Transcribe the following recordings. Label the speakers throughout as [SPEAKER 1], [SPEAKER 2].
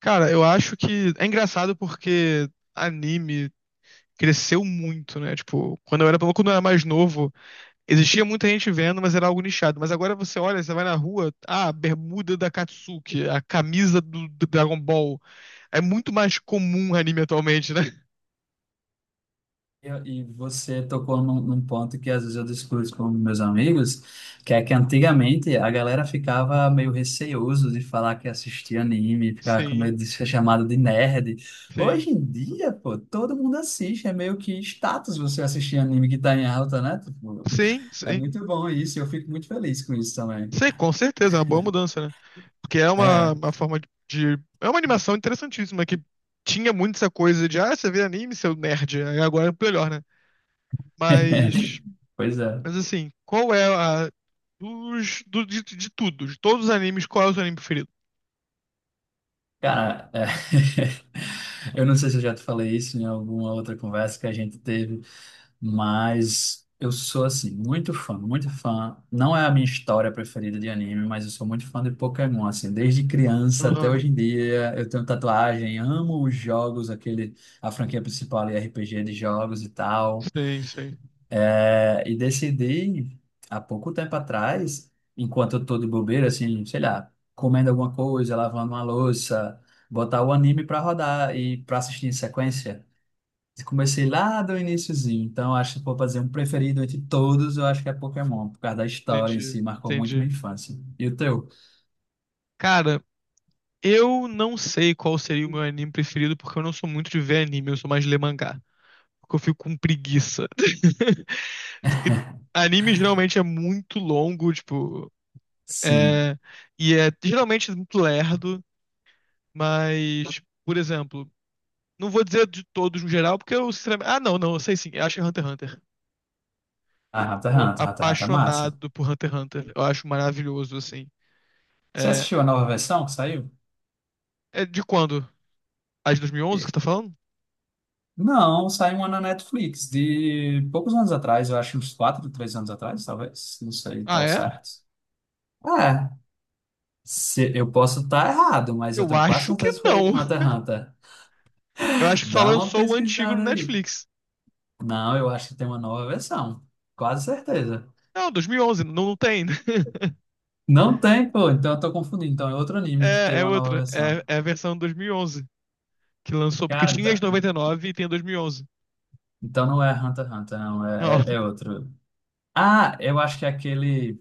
[SPEAKER 1] Cara, eu acho que é engraçado porque anime cresceu muito, né? Tipo, quando eu era mais novo, existia muita gente vendo, mas era algo nichado. Mas agora você olha, você vai na rua, ah, a bermuda da Katsuki, a camisa do Dragon Ball. É muito mais comum anime atualmente, né?
[SPEAKER 2] E e você tocou num ponto que às vezes eu discuto com meus amigos, que é que antigamente a galera ficava meio receoso de falar que assistia anime, ficava com
[SPEAKER 1] Sim,
[SPEAKER 2] medo de ser chamado de nerd.
[SPEAKER 1] sim.
[SPEAKER 2] Hoje em dia, pô, todo mundo assiste, é meio que status você assistir anime que tá em alta, né? Tipo,
[SPEAKER 1] Sim,
[SPEAKER 2] é
[SPEAKER 1] sim.
[SPEAKER 2] muito bom isso, eu fico muito feliz com isso também.
[SPEAKER 1] Sim, com certeza, é uma boa mudança, né? Porque é uma,
[SPEAKER 2] É.
[SPEAKER 1] uma forma de. É uma animação interessantíssima que tinha muito essa coisa de, ah, você vê anime, seu nerd. Aí agora é melhor, né? Mas,
[SPEAKER 2] Pois é.
[SPEAKER 1] mas assim, qual é a. De tudo, de todos os animes, qual é o seu anime preferido?
[SPEAKER 2] Cara, é. Eu não sei se eu já te falei isso em alguma outra conversa que a gente teve, mas eu sou, assim, muito fã. Não é a minha história preferida de anime, mas eu sou muito fã de Pokémon, assim, desde criança até
[SPEAKER 1] Aham.
[SPEAKER 2] hoje em dia. Eu tenho tatuagem, amo os jogos, aquele, a franquia principal ali, RPG de jogos e tal.
[SPEAKER 1] Sim, sim.
[SPEAKER 2] É, e decidi, há pouco tempo atrás, enquanto eu tô de bobeira, assim, sei lá, comendo alguma coisa, lavando uma louça, botar o anime pra rodar e pra assistir em sequência. Comecei lá do iniciozinho, então acho que se for fazer um preferido entre todos, eu acho que é Pokémon, por causa da história em
[SPEAKER 1] Entendi,
[SPEAKER 2] si, marcou muito minha
[SPEAKER 1] entendi.
[SPEAKER 2] infância. E o teu?
[SPEAKER 1] Cara, eu não sei qual seria o meu anime preferido, porque eu não sou muito de ver anime, eu sou mais de ler mangá. Porque eu fico com preguiça. Porque anime geralmente é muito longo, tipo.
[SPEAKER 2] Sim.
[SPEAKER 1] É, e é geralmente muito lerdo, mas, por exemplo. Não vou dizer de todos no geral, porque eu sinceramente. Ah, não, não, eu sei sim. Eu acho Hunter x Hunter.
[SPEAKER 2] Ah,
[SPEAKER 1] Tô
[SPEAKER 2] Hunter x Hunter é massa.
[SPEAKER 1] apaixonado por Hunter x Hunter. Eu acho maravilhoso, assim.
[SPEAKER 2] Você
[SPEAKER 1] É,
[SPEAKER 2] assistiu a nova versão que saiu?
[SPEAKER 1] é de quando? A de 2011 que você
[SPEAKER 2] E-
[SPEAKER 1] tá falando?
[SPEAKER 2] Não, saiu uma na Netflix, de poucos anos atrás, eu acho uns 4, 3 anos atrás, talvez, não sei,
[SPEAKER 1] Ah,
[SPEAKER 2] tão
[SPEAKER 1] é?
[SPEAKER 2] certo. É, se, eu posso estar errado, mas eu
[SPEAKER 1] Eu
[SPEAKER 2] tenho quase
[SPEAKER 1] acho que
[SPEAKER 2] certeza que foi
[SPEAKER 1] não.
[SPEAKER 2] Hunter x Hunter.
[SPEAKER 1] Eu acho que só
[SPEAKER 2] Dá uma
[SPEAKER 1] lançou o antigo no
[SPEAKER 2] pesquisada aí.
[SPEAKER 1] Netflix.
[SPEAKER 2] Não, eu acho que tem uma nova versão, quase certeza.
[SPEAKER 1] Não, 2011, não, não tem.
[SPEAKER 2] Não tem, pô, então eu tô confundindo. Então é outro anime que teve
[SPEAKER 1] É, é
[SPEAKER 2] uma nova
[SPEAKER 1] outra.
[SPEAKER 2] versão.
[SPEAKER 1] É a versão 2011 que lançou, porque
[SPEAKER 2] Cara,
[SPEAKER 1] tinha as
[SPEAKER 2] então,
[SPEAKER 1] 99 e nove e tem a 2011.
[SPEAKER 2] então não é Hunter x Hunter, não,
[SPEAKER 1] Não,
[SPEAKER 2] é outro. Ah, eu acho que é aquele.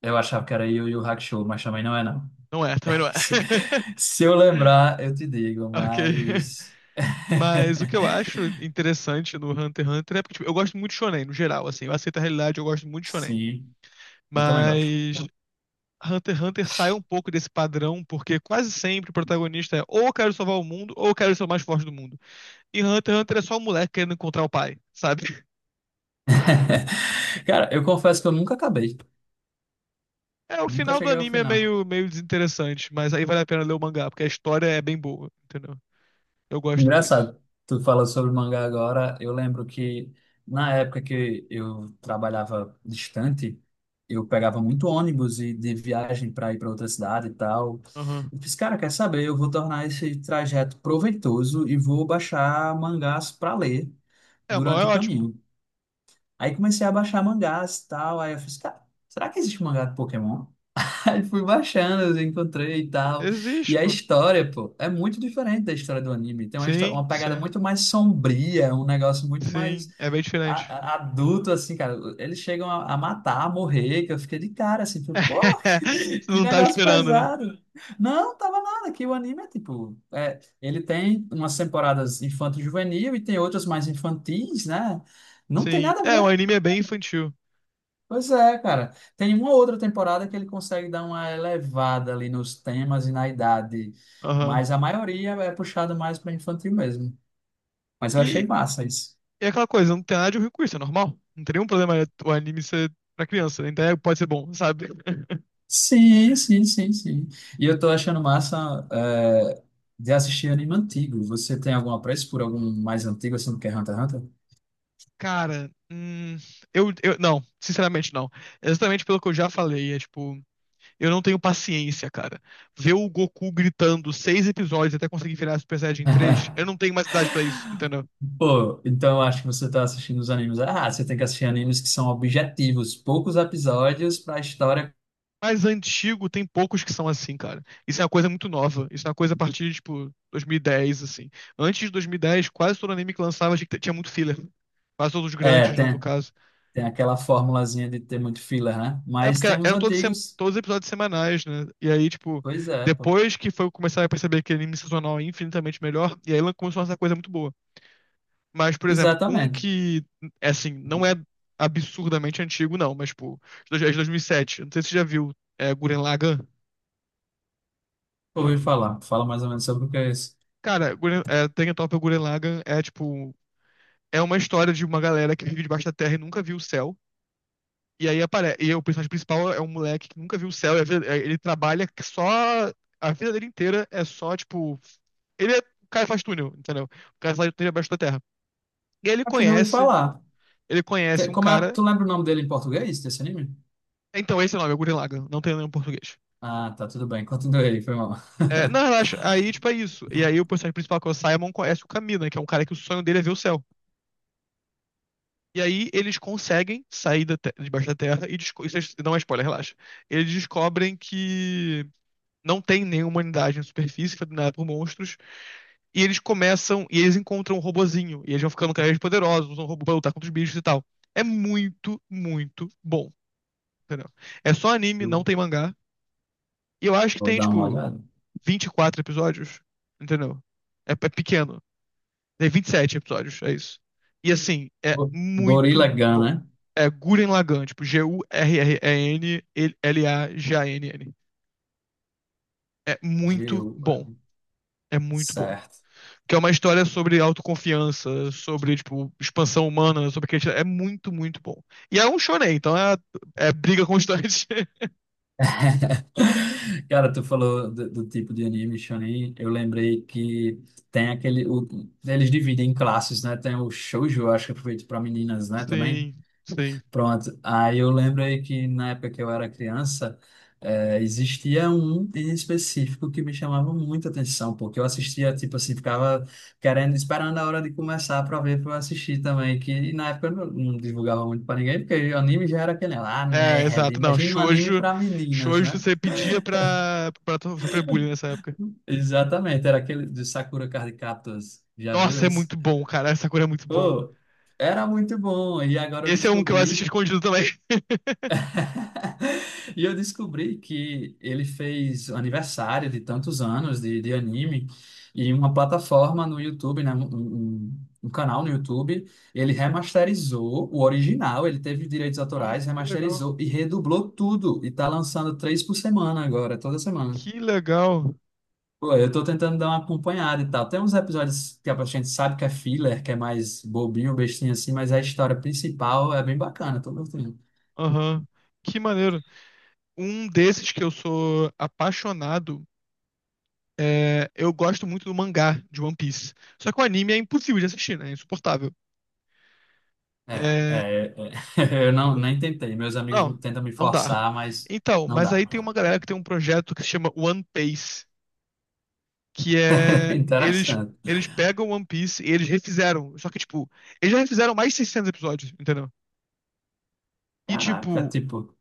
[SPEAKER 2] Eu achava que era Yu Yu Hakusho, mas também não é, não.
[SPEAKER 1] não é, também não é.
[SPEAKER 2] Se se eu lembrar, eu te digo,
[SPEAKER 1] Ok.
[SPEAKER 2] mas.
[SPEAKER 1] Mas o que eu acho interessante no Hunter x Hunter é porque, tipo, eu gosto muito de shonen, no geral, assim. Eu aceito a realidade, eu gosto muito de shonen.
[SPEAKER 2] Sim, eu também gosto.
[SPEAKER 1] Mas Hunter x Hunter sai um pouco desse padrão, porque quase sempre o protagonista é ou eu quero salvar o mundo, ou eu quero ser o mais forte do mundo. E Hunter x Hunter é só o moleque querendo encontrar o pai, sabe?
[SPEAKER 2] Cara, eu confesso que eu nunca acabei.
[SPEAKER 1] É, o
[SPEAKER 2] Nunca
[SPEAKER 1] final do
[SPEAKER 2] cheguei ao
[SPEAKER 1] anime é
[SPEAKER 2] final.
[SPEAKER 1] meio, meio desinteressante, mas aí vale a pena ler o mangá, porque a história é bem boa, entendeu? Eu gosto muito.
[SPEAKER 2] Engraçado, tu fala sobre mangá agora. Eu lembro que na época que eu trabalhava distante, eu pegava muito ônibus e de viagem para ir para outra cidade e tal.
[SPEAKER 1] Aham.
[SPEAKER 2] Eu fiz, cara, quer saber? Eu vou tornar esse trajeto proveitoso e vou baixar mangás para ler
[SPEAKER 1] É, mas
[SPEAKER 2] durante
[SPEAKER 1] é
[SPEAKER 2] o
[SPEAKER 1] ótimo.
[SPEAKER 2] caminho. Aí comecei a baixar mangás e tal. Aí eu fiz, cara, será que existe mangá de Pokémon? Aí fui baixando, eu encontrei e tal. E
[SPEAKER 1] Existe,
[SPEAKER 2] a
[SPEAKER 1] pô.
[SPEAKER 2] história, pô, é muito diferente da história do anime. Tem uma,
[SPEAKER 1] Sim,
[SPEAKER 2] uma pegada
[SPEAKER 1] sim,
[SPEAKER 2] muito mais sombria, um negócio muito mais
[SPEAKER 1] sim. É bem diferente.
[SPEAKER 2] adulto, assim, cara. Eles chegam a matar, a morrer, que eu fiquei de cara, assim, falei, pô, que
[SPEAKER 1] Não tava
[SPEAKER 2] negócio
[SPEAKER 1] esperando, né?
[SPEAKER 2] pesado. Não, tava nada, que o anime é tipo. É, ele tem umas temporadas infanto-juvenil e tem outras mais infantis, né? Não tem
[SPEAKER 1] Sim.
[SPEAKER 2] nada a
[SPEAKER 1] É, o
[SPEAKER 2] ver.
[SPEAKER 1] anime é bem infantil.
[SPEAKER 2] Pois é, cara. Tem uma outra temporada que ele consegue dar uma elevada ali nos temas e na idade,
[SPEAKER 1] Aham.
[SPEAKER 2] mas a maioria é puxada mais para infantil mesmo. Mas eu achei
[SPEAKER 1] E,
[SPEAKER 2] massa isso.
[SPEAKER 1] e é aquela coisa, não tem nada de ruim com isso, é normal. Não tem nenhum problema é, o anime ser pra criança, né? Então é, pode ser bom, sabe?
[SPEAKER 2] Sim, sim, sim, sim. E eu tô achando massa é, de assistir anime antigo. Você tem algum apreço por algum mais antigo, assim, do que Hunter x Hunter?
[SPEAKER 1] Cara, eu. Não, sinceramente não. É exatamente pelo que eu já falei. É tipo, eu não tenho paciência, cara. Ver o Goku gritando 6 episódios até conseguir virar Super Saiyajin 3, eu não tenho mais idade pra isso, entendeu?
[SPEAKER 2] Pô, então eu acho que você tá assistindo os animes. Ah, você tem que assistir animes que são objetivos, poucos episódios para a história.
[SPEAKER 1] Mais antigo tem poucos que são assim, cara. Isso é uma coisa muito nova. Isso é uma coisa a partir de, tipo, 2010, assim. Antes de 2010, quase todo anime que lançava tinha muito filler. Quase todos os
[SPEAKER 2] É,
[SPEAKER 1] grandes, né, no
[SPEAKER 2] tem.
[SPEAKER 1] caso.
[SPEAKER 2] Tem aquela formulazinha de ter muito filler, né?
[SPEAKER 1] É
[SPEAKER 2] Mas
[SPEAKER 1] porque
[SPEAKER 2] tem os
[SPEAKER 1] eram todos, sem-
[SPEAKER 2] antigos.
[SPEAKER 1] todos episódios semanais, né? E aí, tipo,
[SPEAKER 2] Pois é, pô.
[SPEAKER 1] depois que foi começar a perceber que anime sazonal é infinitamente melhor, e aí ela começou a fazer coisa muito boa. Mas, por exemplo, um
[SPEAKER 2] Exatamente.
[SPEAKER 1] que, é assim, não é absurdamente antigo, não, mas, tipo, de dois- é de 2007. Não sei se você já viu, é Gurren Lagann.
[SPEAKER 2] Ouvi falar. Fala mais ou menos sobre o que é isso.
[SPEAKER 1] Cara, Gurren- é, Danganronpa Gurren Lagann é tipo. É uma história de uma galera que vive debaixo da terra e nunca viu o céu. E aí aparece. E o personagem principal é um moleque que nunca viu o céu. E a vida- é, ele trabalha que só. A vida dele inteira é só, tipo. Ele é. O cara faz túnel, entendeu? O cara faz túnel abaixo da terra. E aí ele
[SPEAKER 2] Acho que não ouvi
[SPEAKER 1] conhece.
[SPEAKER 2] falar.
[SPEAKER 1] Ele conhece um
[SPEAKER 2] Como é...
[SPEAKER 1] cara.
[SPEAKER 2] Tu lembra o nome dele em português, desse anime?
[SPEAKER 1] Então, esse é o nome, é Gurren Lagann. Não tem nenhum português.
[SPEAKER 2] Ah, tá, tudo bem. Continua aí, foi mal.
[SPEAKER 1] É, não, relaxa. Aí, tipo, é isso. E aí o personagem principal, que é o Simon, conhece o Camina, que é um cara que o sonho dele é ver o céu. E aí eles conseguem sair da te- debaixo da terra e desco- isso é- não é spoiler, relaxa. Eles descobrem que não tem nenhuma humanidade na superfície, foi dominada por monstros, e eles começam e eles encontram um robozinho, e eles vão ficando cada vez poderosos, usam o robô pra lutar contra os bichos e tal. É muito, muito bom, entendeu? É só anime, não
[SPEAKER 2] Eu
[SPEAKER 1] tem mangá. E eu acho que
[SPEAKER 2] vou
[SPEAKER 1] tem
[SPEAKER 2] dar uma
[SPEAKER 1] tipo
[SPEAKER 2] olhada.
[SPEAKER 1] 24 episódios, entendeu? É, é pequeno. Tem 27 episódios, é isso. E assim, é
[SPEAKER 2] Go- Gorilla
[SPEAKER 1] muito
[SPEAKER 2] Gun,
[SPEAKER 1] bom.
[SPEAKER 2] né?
[SPEAKER 1] É Gurren Lagann, tipo G-U-R-R-E-N-L-A-G-A-N-N. É muito
[SPEAKER 2] G-U-R.
[SPEAKER 1] bom. É muito bom.
[SPEAKER 2] Certo.
[SPEAKER 1] Que é uma história sobre autoconfiança, sobre, tipo, expansão humana, sobre que é muito, muito bom. E é um shonen, então é, é briga constante.
[SPEAKER 2] Cara, tu falou do tipo de anime shonen, eu lembrei que tem aquele, eles dividem em classes, né? Tem o shoujo, eu acho que é feito para meninas, né, também.
[SPEAKER 1] Sim, sim.
[SPEAKER 2] Pronto. Aí eu lembrei que na época que eu era criança, existia um em específico que me chamava muita atenção, porque eu assistia, tipo assim, ficava querendo, esperando a hora de começar para ver, para eu assistir também, que na época eu não divulgava muito para ninguém, porque o anime já era aquele lá,
[SPEAKER 1] É,
[SPEAKER 2] nerd,
[SPEAKER 1] exato. Não,
[SPEAKER 2] imagina um anime
[SPEAKER 1] shoujo,
[SPEAKER 2] para meninas,
[SPEAKER 1] shoujo
[SPEAKER 2] né?
[SPEAKER 1] você pedia pra, pra to- sofrer bullying nessa época.
[SPEAKER 2] Exatamente, era aquele de Sakura Card Captors. Já viu
[SPEAKER 1] Nossa, é
[SPEAKER 2] esse?
[SPEAKER 1] muito bom, cara. Essa cor é muito bom.
[SPEAKER 2] Pô, era muito bom. E agora eu
[SPEAKER 1] Esse é um que eu assisti
[SPEAKER 2] descobri.
[SPEAKER 1] escondido também.
[SPEAKER 2] E eu descobri que ele fez o aniversário de tantos anos de anime e uma plataforma no YouTube, né? Um canal no YouTube, ele remasterizou o original, ele teve direitos
[SPEAKER 1] Nossa,
[SPEAKER 2] autorais,
[SPEAKER 1] que legal.
[SPEAKER 2] remasterizou e redublou tudo. E tá lançando três por semana agora, toda semana.
[SPEAKER 1] Que legal.
[SPEAKER 2] Pô, eu tô tentando dar uma acompanhada e tal. Tem uns episódios que a gente sabe que é filler, que é mais bobinho, bestinho assim, mas a história principal é bem bacana, tô gostando.
[SPEAKER 1] Aham. Que maneiro. Um desses que eu sou apaixonado é. Eu gosto muito do mangá de One Piece. Só que o anime é impossível de assistir, né? É insuportável.
[SPEAKER 2] É,
[SPEAKER 1] É...
[SPEAKER 2] é, é. Eu não,
[SPEAKER 1] n-
[SPEAKER 2] nem tentei. Meus amigos
[SPEAKER 1] Não,
[SPEAKER 2] tentam me
[SPEAKER 1] não dá.
[SPEAKER 2] forçar, mas
[SPEAKER 1] Então,
[SPEAKER 2] não
[SPEAKER 1] mas aí tem
[SPEAKER 2] dá.
[SPEAKER 1] uma galera que tem um projeto que se chama One Piece. Que é eles
[SPEAKER 2] Interessante.
[SPEAKER 1] eles pegam One Piece e eles refizeram, só que tipo, eles já refizeram mais de 600 episódios, entendeu? E
[SPEAKER 2] Caraca,
[SPEAKER 1] tipo,
[SPEAKER 2] tipo.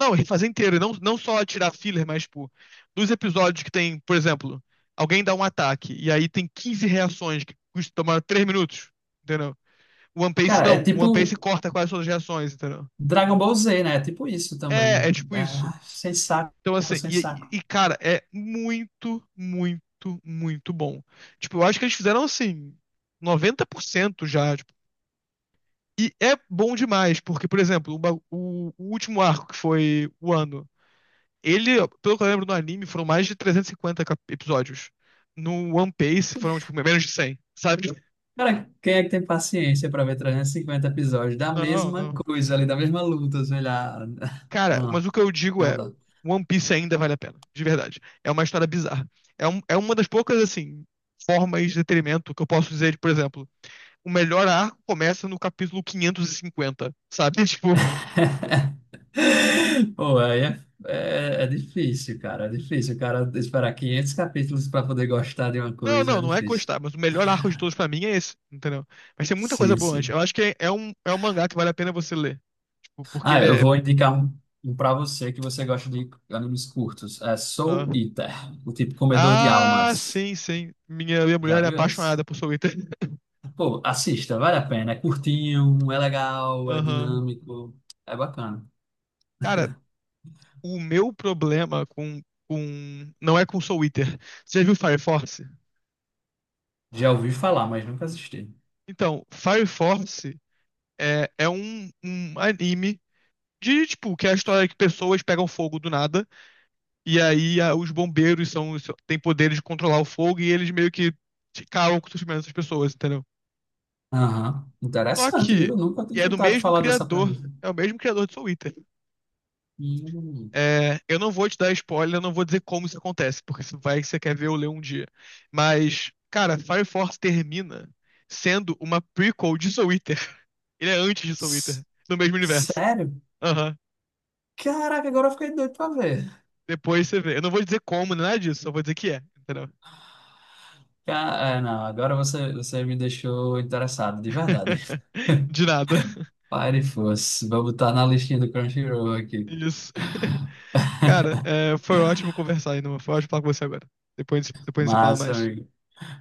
[SPEAKER 1] não, refazer inteiro, não não só tirar filler, mas tipo, dos episódios que tem, por exemplo, alguém dá um ataque e aí tem 15 reações que custam tomar 3 minutos, entendeu? O One Piece
[SPEAKER 2] Cara, é
[SPEAKER 1] não, o One Piece
[SPEAKER 2] tipo
[SPEAKER 1] corta quase todas as reações, entendeu?
[SPEAKER 2] Dragon Ball Z, né? É tipo isso
[SPEAKER 1] É, é
[SPEAKER 2] também.
[SPEAKER 1] tipo isso.
[SPEAKER 2] É, sem saco,
[SPEAKER 1] Então, assim,
[SPEAKER 2] sem saco.
[SPEAKER 1] e, cara, é muito, muito, muito bom. Tipo, eu acho que eles fizeram, assim, 90% já, E é bom demais, porque, por exemplo, o último arco, que foi o ano, ele, pelo que eu lembro no anime, foram mais de 350 cap- episódios. No One Piece foram, tipo, menos de cem, sabe?
[SPEAKER 2] Cara, quem é que tem paciência para ver 350 episódios da
[SPEAKER 1] Não,
[SPEAKER 2] mesma
[SPEAKER 1] não.
[SPEAKER 2] coisa ali, da mesma luta, sei lá.
[SPEAKER 1] Cara,
[SPEAKER 2] Não,
[SPEAKER 1] mas o que eu digo é,
[SPEAKER 2] não dá.
[SPEAKER 1] One Piece ainda vale a pena, de verdade. É uma história bizarra. É, um- é uma das poucas, assim, formas de detrimento que eu posso dizer, de, por exemplo, o melhor arco começa no capítulo 550, sabe? Tipo...
[SPEAKER 2] Pô, aí é, é difícil, cara. É difícil, cara, esperar 500 capítulos para poder gostar de uma
[SPEAKER 1] Não,
[SPEAKER 2] coisa
[SPEAKER 1] não,
[SPEAKER 2] é
[SPEAKER 1] não é
[SPEAKER 2] difícil.
[SPEAKER 1] gostar, mas o melhor arco de todos pra mim é esse, entendeu? Mas tem muita coisa
[SPEAKER 2] Sim,
[SPEAKER 1] boa antes. Eu
[SPEAKER 2] sim.
[SPEAKER 1] acho que é, é um mangá que vale a pena você ler. Tipo, porque
[SPEAKER 2] Ah,
[SPEAKER 1] ele
[SPEAKER 2] eu
[SPEAKER 1] é.
[SPEAKER 2] vou indicar um para você que você gosta de animes curtos. É
[SPEAKER 1] Ah,
[SPEAKER 2] Soul Eater, o tipo comedor de
[SPEAKER 1] ah,
[SPEAKER 2] almas.
[SPEAKER 1] sim, sim. Minha
[SPEAKER 2] Já
[SPEAKER 1] mulher é
[SPEAKER 2] viu esse?
[SPEAKER 1] apaixonada por Soul Eater.
[SPEAKER 2] Pô, assista, vale a pena. É curtinho, é legal, é
[SPEAKER 1] Aham.
[SPEAKER 2] dinâmico, é bacana.
[SPEAKER 1] Cara, o meu problema com. Não é com Soul Eater. Você já viu Fire Force?
[SPEAKER 2] Já ouvi falar, mas nunca assisti.
[SPEAKER 1] Então, Fire Force é, é um anime de, tipo, que é a história que pessoas pegam fogo do nada. E aí a- os bombeiros são, são- têm poderes de controlar o fogo e eles meio que ficaram com o sofrimento dessas pessoas, entendeu?
[SPEAKER 2] Aham,
[SPEAKER 1] Só
[SPEAKER 2] interessante,
[SPEAKER 1] que
[SPEAKER 2] viu? Nunca tinha
[SPEAKER 1] e é do
[SPEAKER 2] escutado
[SPEAKER 1] mesmo
[SPEAKER 2] falar dessa
[SPEAKER 1] criador,
[SPEAKER 2] premissa.
[SPEAKER 1] é o mesmo criador de Soul Eater.
[SPEAKER 2] Hum.
[SPEAKER 1] É, eu não vou te dar spoiler, eu não vou dizer como isso acontece, porque isso vai que você quer ver ou ler um dia. Mas, cara, Fire Force termina sendo uma prequel de Soul Eater. Ele é antes de Soul Eater,
[SPEAKER 2] S-
[SPEAKER 1] no mesmo universo.
[SPEAKER 2] Sério?
[SPEAKER 1] Aham.
[SPEAKER 2] Caraca, agora eu fiquei doido pra ver.
[SPEAKER 1] Depois você vê. Eu não vou dizer como, nem nada disso, só vou dizer que é, entendeu?
[SPEAKER 2] É, não, agora você, você me deixou interessado, de verdade.
[SPEAKER 1] De nada.
[SPEAKER 2] Pare fosse. Vou botar na listinha do Crunchyroll aqui.
[SPEAKER 1] Isso. Cara, é, foi ótimo conversar, ainda. Foi ótimo falar com você agora. Depois, depois você fala
[SPEAKER 2] Massa,
[SPEAKER 1] mais.
[SPEAKER 2] amigo.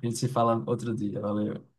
[SPEAKER 2] A gente se fala outro dia. Valeu.